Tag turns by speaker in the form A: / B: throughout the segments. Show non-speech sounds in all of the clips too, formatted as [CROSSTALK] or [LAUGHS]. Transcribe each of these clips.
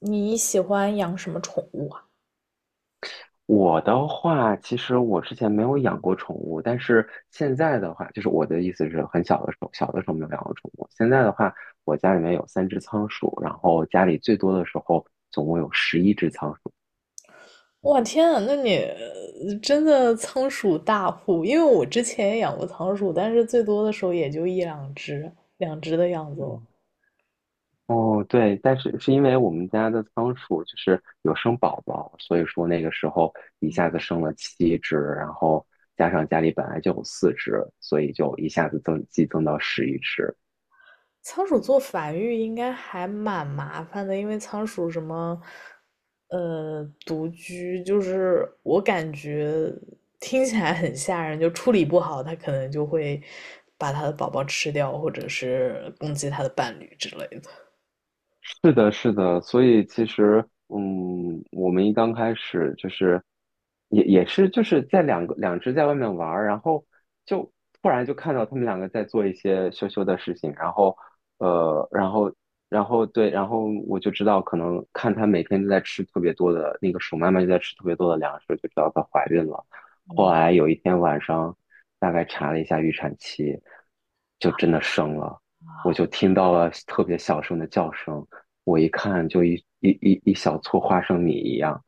A: 你喜欢养什么宠物啊？
B: 我的话，其实我之前没有养过宠物，但是现在的话，就是我的意思是很小的时候，小的时候没有养过宠物。现在的话，我家里面有3只仓鼠，然后家里最多的时候总共有十一只仓鼠。
A: 哇天啊，那你真的仓鼠大户，因为我之前也养过仓鼠，但是最多的时候也就一两只，两只的样子哦。
B: 嗯。哦，对，但是是因为我们家的仓鼠就是有生宝宝，所以说那个时候一下子生了7只，然后加上家里本来就有4只，所以就一下子激增到十一只。
A: 仓鼠做繁育应该还蛮麻烦的，因为仓鼠什么，独居，就是我感觉听起来很吓人，就处理不好，它可能就会把它的宝宝吃掉，或者是攻击它的伴侣之类的。
B: 是的，是的，所以其实，我们一刚开始就是也是就是在两只在外面玩儿，然后就突然就看到他们两个在做一些羞羞的事情，呃，然后然后，对，然后我就知道可能看它每天都在吃特别多的那个鼠妈妈就在吃特别多的粮食，就知道它怀孕了。后
A: 嗯。
B: 来有一天晚上，大概查了一下预产期，就真的生了，我
A: 啊，
B: 就听到了特别小声的叫声。我一看就一小撮花生米一样，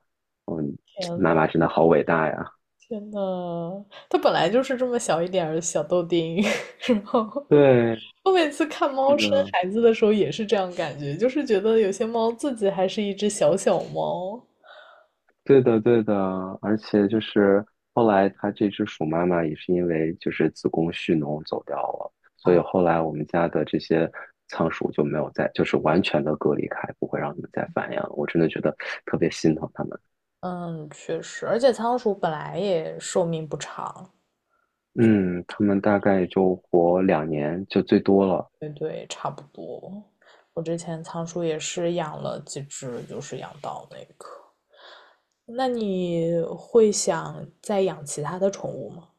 B: 嗯，
A: 天
B: 妈
A: 呐。
B: 妈真的好伟大呀！
A: 天呐，它本来就是这么小一点儿的小豆丁，[LAUGHS] 然后
B: 对，
A: 我每次看猫
B: 那
A: 生
B: 个，
A: 孩子的时候也是这样感觉，就是觉得有些猫自己还是一只小小猫。
B: 对的，对的，而且就是后来它这只鼠妈妈也是因为就是子宫蓄脓走掉了，所以
A: 啊。
B: 后来我们家的这些仓鼠就没有再就是完全的隔离开，不会让它们再繁衍了。我真的觉得特别心疼它们。
A: 嗯，确实，而且仓鼠本来也寿命不长。
B: 嗯，它们大概就活两年就最多了。
A: 对对，差不多。我之前仓鼠也是养了几只，就是养到那个。那你会想再养其他的宠物吗？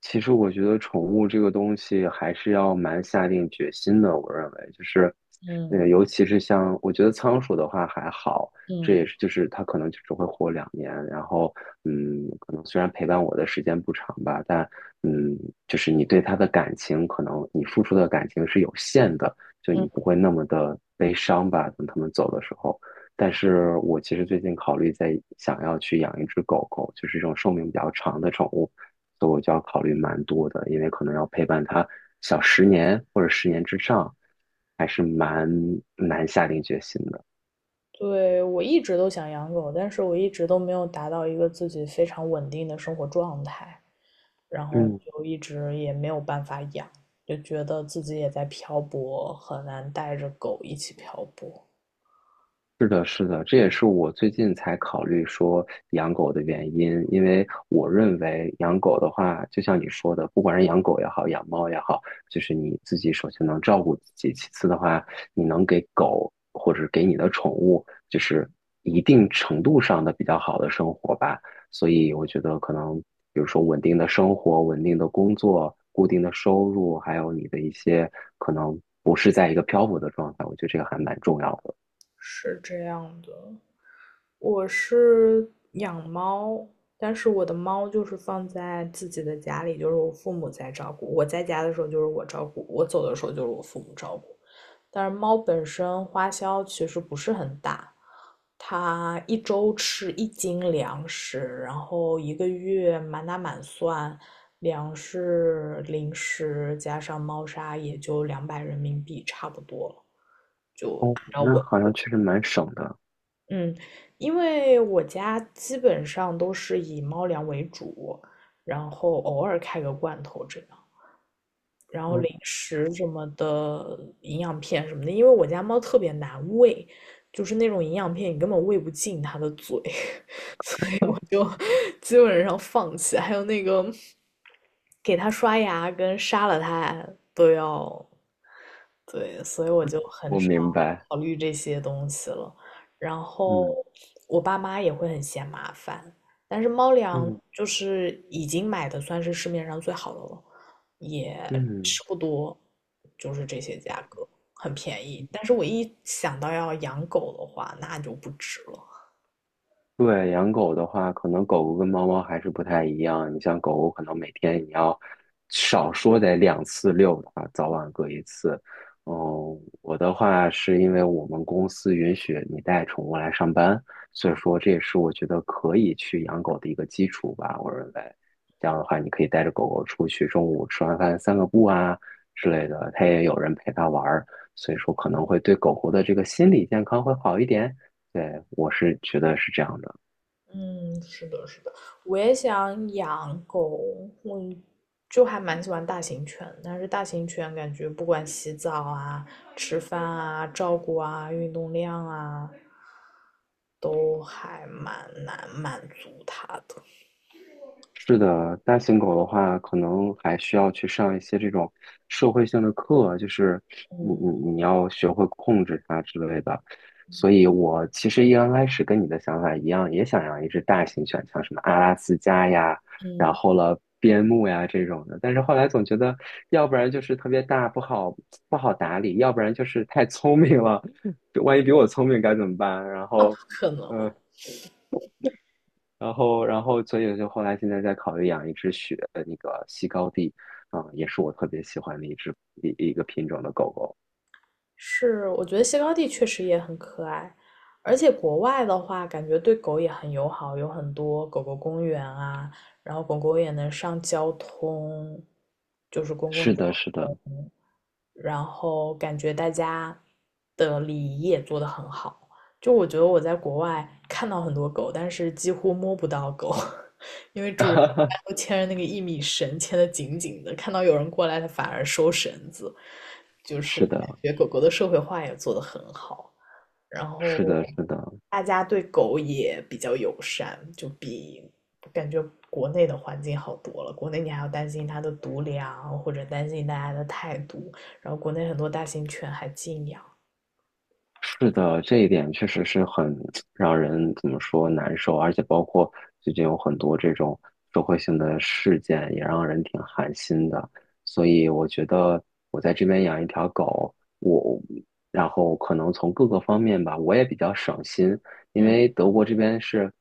B: 其实我觉得宠物这个东西还是要蛮下定决心的。我认为就是，
A: 嗯
B: 尤其是像我觉得仓鼠的话还好，
A: 嗯
B: 这也
A: 嗯。
B: 是就是它可能就只会活两年。然后，可能虽然陪伴我的时间不长吧，但嗯，就是你对它的感情，可能你付出的感情是有限的，就你不会那么的悲伤吧。等它们走的时候。但是我其实最近考虑在想要去养一只狗狗，就是这种寿命比较长的宠物，所以我就要考虑蛮多的，因为可能要陪伴它小十年或者十年之上，还是蛮难下定决心的。
A: 对，我一直都想养狗，但是我一直都没有达到一个自己非常稳定的生活状态，然后
B: 嗯。
A: 就一直也没有办法养，就觉得自己也在漂泊，很难带着狗一起漂泊。
B: 是的，是的，这也是我最近才考虑说养狗的原因，因为我认为养狗的话，就像你说的，不管是养狗也好，养猫也好，就是你自己首先能照顾自己，其次的话，你能给狗或者给你的宠物，就是一定程度上的比较好的生活吧。所以我觉得可能，比如说稳定的生活、稳定的工作、固定的收入，还有你的一些可能不是在一个漂泊的状态，我觉得这个还蛮重要的。
A: 是这样的，我是养猫，但是我的猫就是放在自己的家里，就是我父母在照顾。我在家的时候就是我照顾，我走的时候就是我父母照顾。但是猫本身花销其实不是很大，它一周吃一斤粮食，然后一个月满打满算，粮食、零食加上猫砂也就200人民币差不多了。就
B: 哦，
A: 按照
B: 那
A: 我
B: 好像确实蛮省的。
A: 嗯，因为我家基本上都是以猫粮为主，然后偶尔开个罐头这样，然后零
B: 嗯，
A: 食什么的，营养片什么的，因为我家猫特别难喂，就是那种营养片你根本喂不进它的嘴，[LAUGHS] 就基本上放弃。还有那个给它刷牙跟杀了它都要。对，所以我就
B: [LAUGHS]
A: 很
B: 我
A: 少
B: 明白。
A: 考虑这些东西了。然后
B: 嗯
A: 我爸妈也会很嫌麻烦，但是猫粮
B: 嗯
A: 就是已经买的算是市面上最好的了，也
B: 嗯。
A: 吃不多，就是这些价格很便宜。但是我一想到要养狗的话，那就不值了。
B: 对，养狗的话，可能狗狗跟猫猫还是不太一样。你像狗狗，可能每天你要少说得2次遛它，早晚各一次。嗯，我的话是因为我们公司允许你带宠物来上班，所以说这也是我觉得可以去养狗的一个基础吧。我认为这样的话，你可以带着狗狗出去，中午吃完饭散个步啊之类的，它也有人陪它玩儿，所以说可能会对狗狗的这个心理健康会好一点。对，我是觉得是这样的。
A: 嗯，是的，是的，我也想养狗，我就还蛮喜欢大型犬，但是大型犬感觉不管洗澡啊、吃饭啊、照顾啊、运动量啊，都还蛮难满足它的。
B: 是的，大型狗的话，可能还需要去上一些这种社会性的课，就是你
A: 嗯
B: 你你要学会控制它之类的。所以我其实一刚开始跟你的想法一样，也想养一只大型犬，像什么阿拉斯加呀，然
A: 嗯。
B: 后了边牧呀这种的。但是后来总觉得，要不然就是特别大不好打理，要不然就是太聪明了，[LAUGHS] 万一比我聪明该怎么办？然
A: 那不
B: 后。
A: 可能。
B: 呃然后，所以就后来现在在考虑养一只雪，呃那个西高地，啊，也是我特别喜欢的一只一一个品种的狗狗。
A: 是，我觉得西高地确实也很可爱，而且国外的话，感觉对狗也很友好，有很多狗狗公园啊，然后狗狗也能上交通，就是公共
B: 是
A: 交
B: 的，是的，
A: 通，然后感觉大家的礼仪也做得很好。就我觉得我在国外看到很多狗，但是几乎摸不到狗。[LAUGHS] 都牵着那个一米绳牵得紧紧的，看到有人过来，它反而收绳子，就是
B: 是
A: 感
B: 的，
A: 觉狗狗的社会化也做得很好，然
B: 是
A: 后
B: 的，是的。
A: 大家对狗也比较友善，就比感觉国内的环境好多了。国内你还要担心它的毒粮，或者担心大家的态度，然后国内很多大型犬还禁养。
B: 是的，这一点确实是很 [TSK] 让人怎么说难受，而且包括最近有很多这种社会性的事件，也让人挺寒心的。所以我觉得我在这边养一条狗，我然后可能从各个方面吧，我也比较省心，因
A: 嗯。
B: 为德国这边是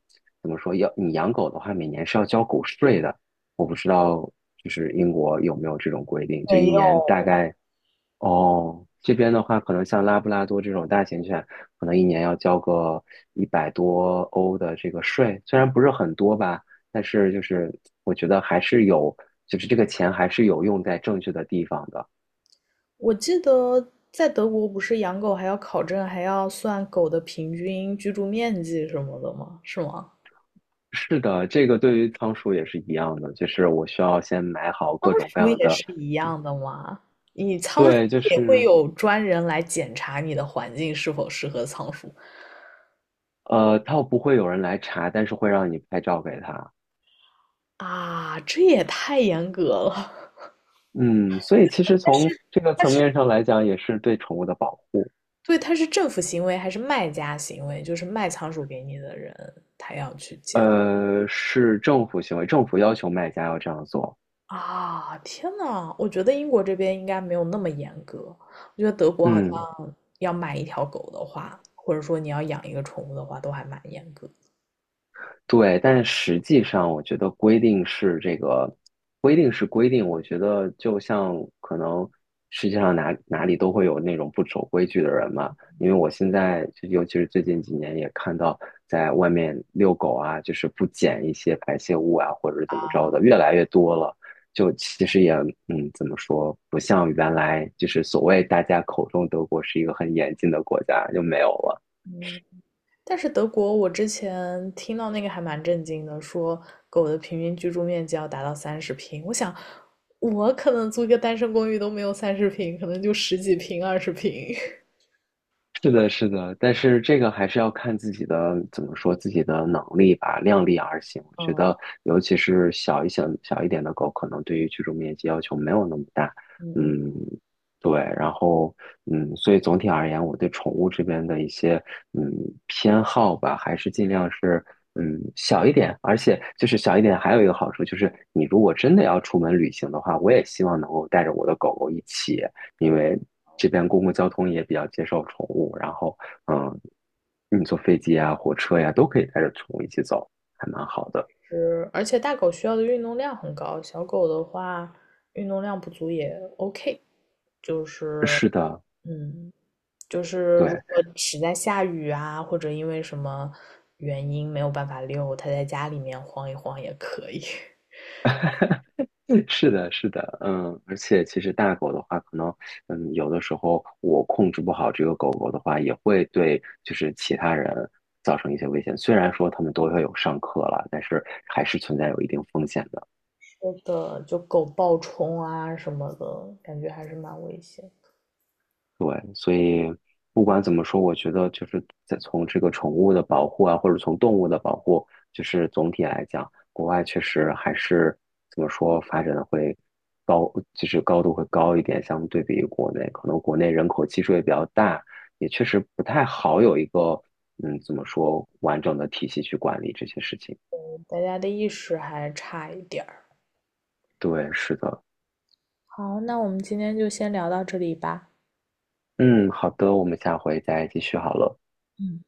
B: 怎么说，要你养狗的话，每年是要交狗税的。我不知道就是英国有没有这种规定，就
A: 没
B: 一年大
A: 有。
B: 概。哦，这边的话，可能像拉布拉多这种大型犬，可能一年要交个100多欧的这个税，虽然不是很多吧，但是就是我觉得还是有，就是这个钱还是有用在正确的地方的。
A: 我记得在德国不是养狗还要考证，还要算狗的平均居住面积什么的吗？是吗？
B: 是的，这个对于仓鼠也是一样的，就是我需要先买好
A: 仓
B: 各种各
A: 鼠
B: 样
A: 也
B: 的，
A: 是一样的吗？
B: 对，就
A: 也会
B: 是
A: 有专人来检查你的环境是否适合仓鼠。
B: 它不会有人来查，但是会让你拍照给他。
A: 啊？这也太严格了。
B: 嗯，所以其实从这个层面上来讲，也是对宠物的保护。
A: [LAUGHS] 对，它是政府行为还是卖家行为？就是卖仓鼠给你的人，他要去检。
B: 是政府行为，政府要求卖家要这样做。
A: 啊，天呐，我觉得英国这边应该没有那么严格。我觉得德国好
B: 嗯，
A: 像要买一条狗的话，或者说你要养一个宠物的话，都还蛮严格。
B: 对，但是实际上，我觉得规定是规定。我觉得就像可能世界上哪里都会有那种不守规矩的人嘛。因为我现在就尤其是最近几年也看到，在外面遛狗啊，就是不捡一些排泄物啊，或者是怎么着的，越来越多了。就其实也怎么说，不像原来就是所谓大家口中德国是一个很严谨的国家，就没有了。
A: 但是德国，我之前听到那个还蛮震惊的，说狗的平均居住面积要达到三十平。我想，我可能租一个单身公寓都没有三十平，可能就十几平、20平。[LAUGHS]
B: 是的，是的，但是这个还是要看自己的，怎么说，自己的能力吧，量力而行。我觉
A: 嗯
B: 得，尤其是小一点的狗，可能对于居住面积要求没有那么大。
A: 嗯嗯。
B: 嗯，对，然后所以总体而言，我对宠物这边的一些嗯偏好吧，还是尽量是小一点，而且就是小一点，还有一个好处就是，你如果真的要出门旅行的话，我也希望能够带着我的狗狗一起。因为这边公共交通也比较接受宠物，然后嗯，你坐飞机啊、火车呀、都可以带着宠物一起走，还蛮好的。
A: 是，而且大狗需要的运动量很高，小狗的话运动量不足也 OK。就是，
B: 是的，
A: 嗯，就是
B: 对，
A: 如果实在下雨啊，或者因为什么原因没有办法遛，它在家里面晃一晃也可以。[LAUGHS] 是
B: 嗯是的，是的，而且其实大狗的话，可能有的时候我控制不好这个狗狗的话，也会对就是其他人造成一些危险。虽然说他们都要有上课了，但是还是存在有一定风险的。
A: 的，就狗暴冲啊什么的，感觉还是蛮危险的，
B: 对，所以不管怎么说，我觉得就是在从这个宠物的保护啊，或者从动物的保护，就是总体来讲，国外确实还是怎么说发展的会高，就是高度会高一点，相对比于国内，可能国内人口基数也比较大，也确实不太好有一个怎么说完整的体系去管理这些事情。
A: 大家的意识还差一点儿。
B: 对，是的，
A: 好，那我们今天就先聊到这里吧。
B: 嗯，好的，我们下回再继续好了。
A: 嗯。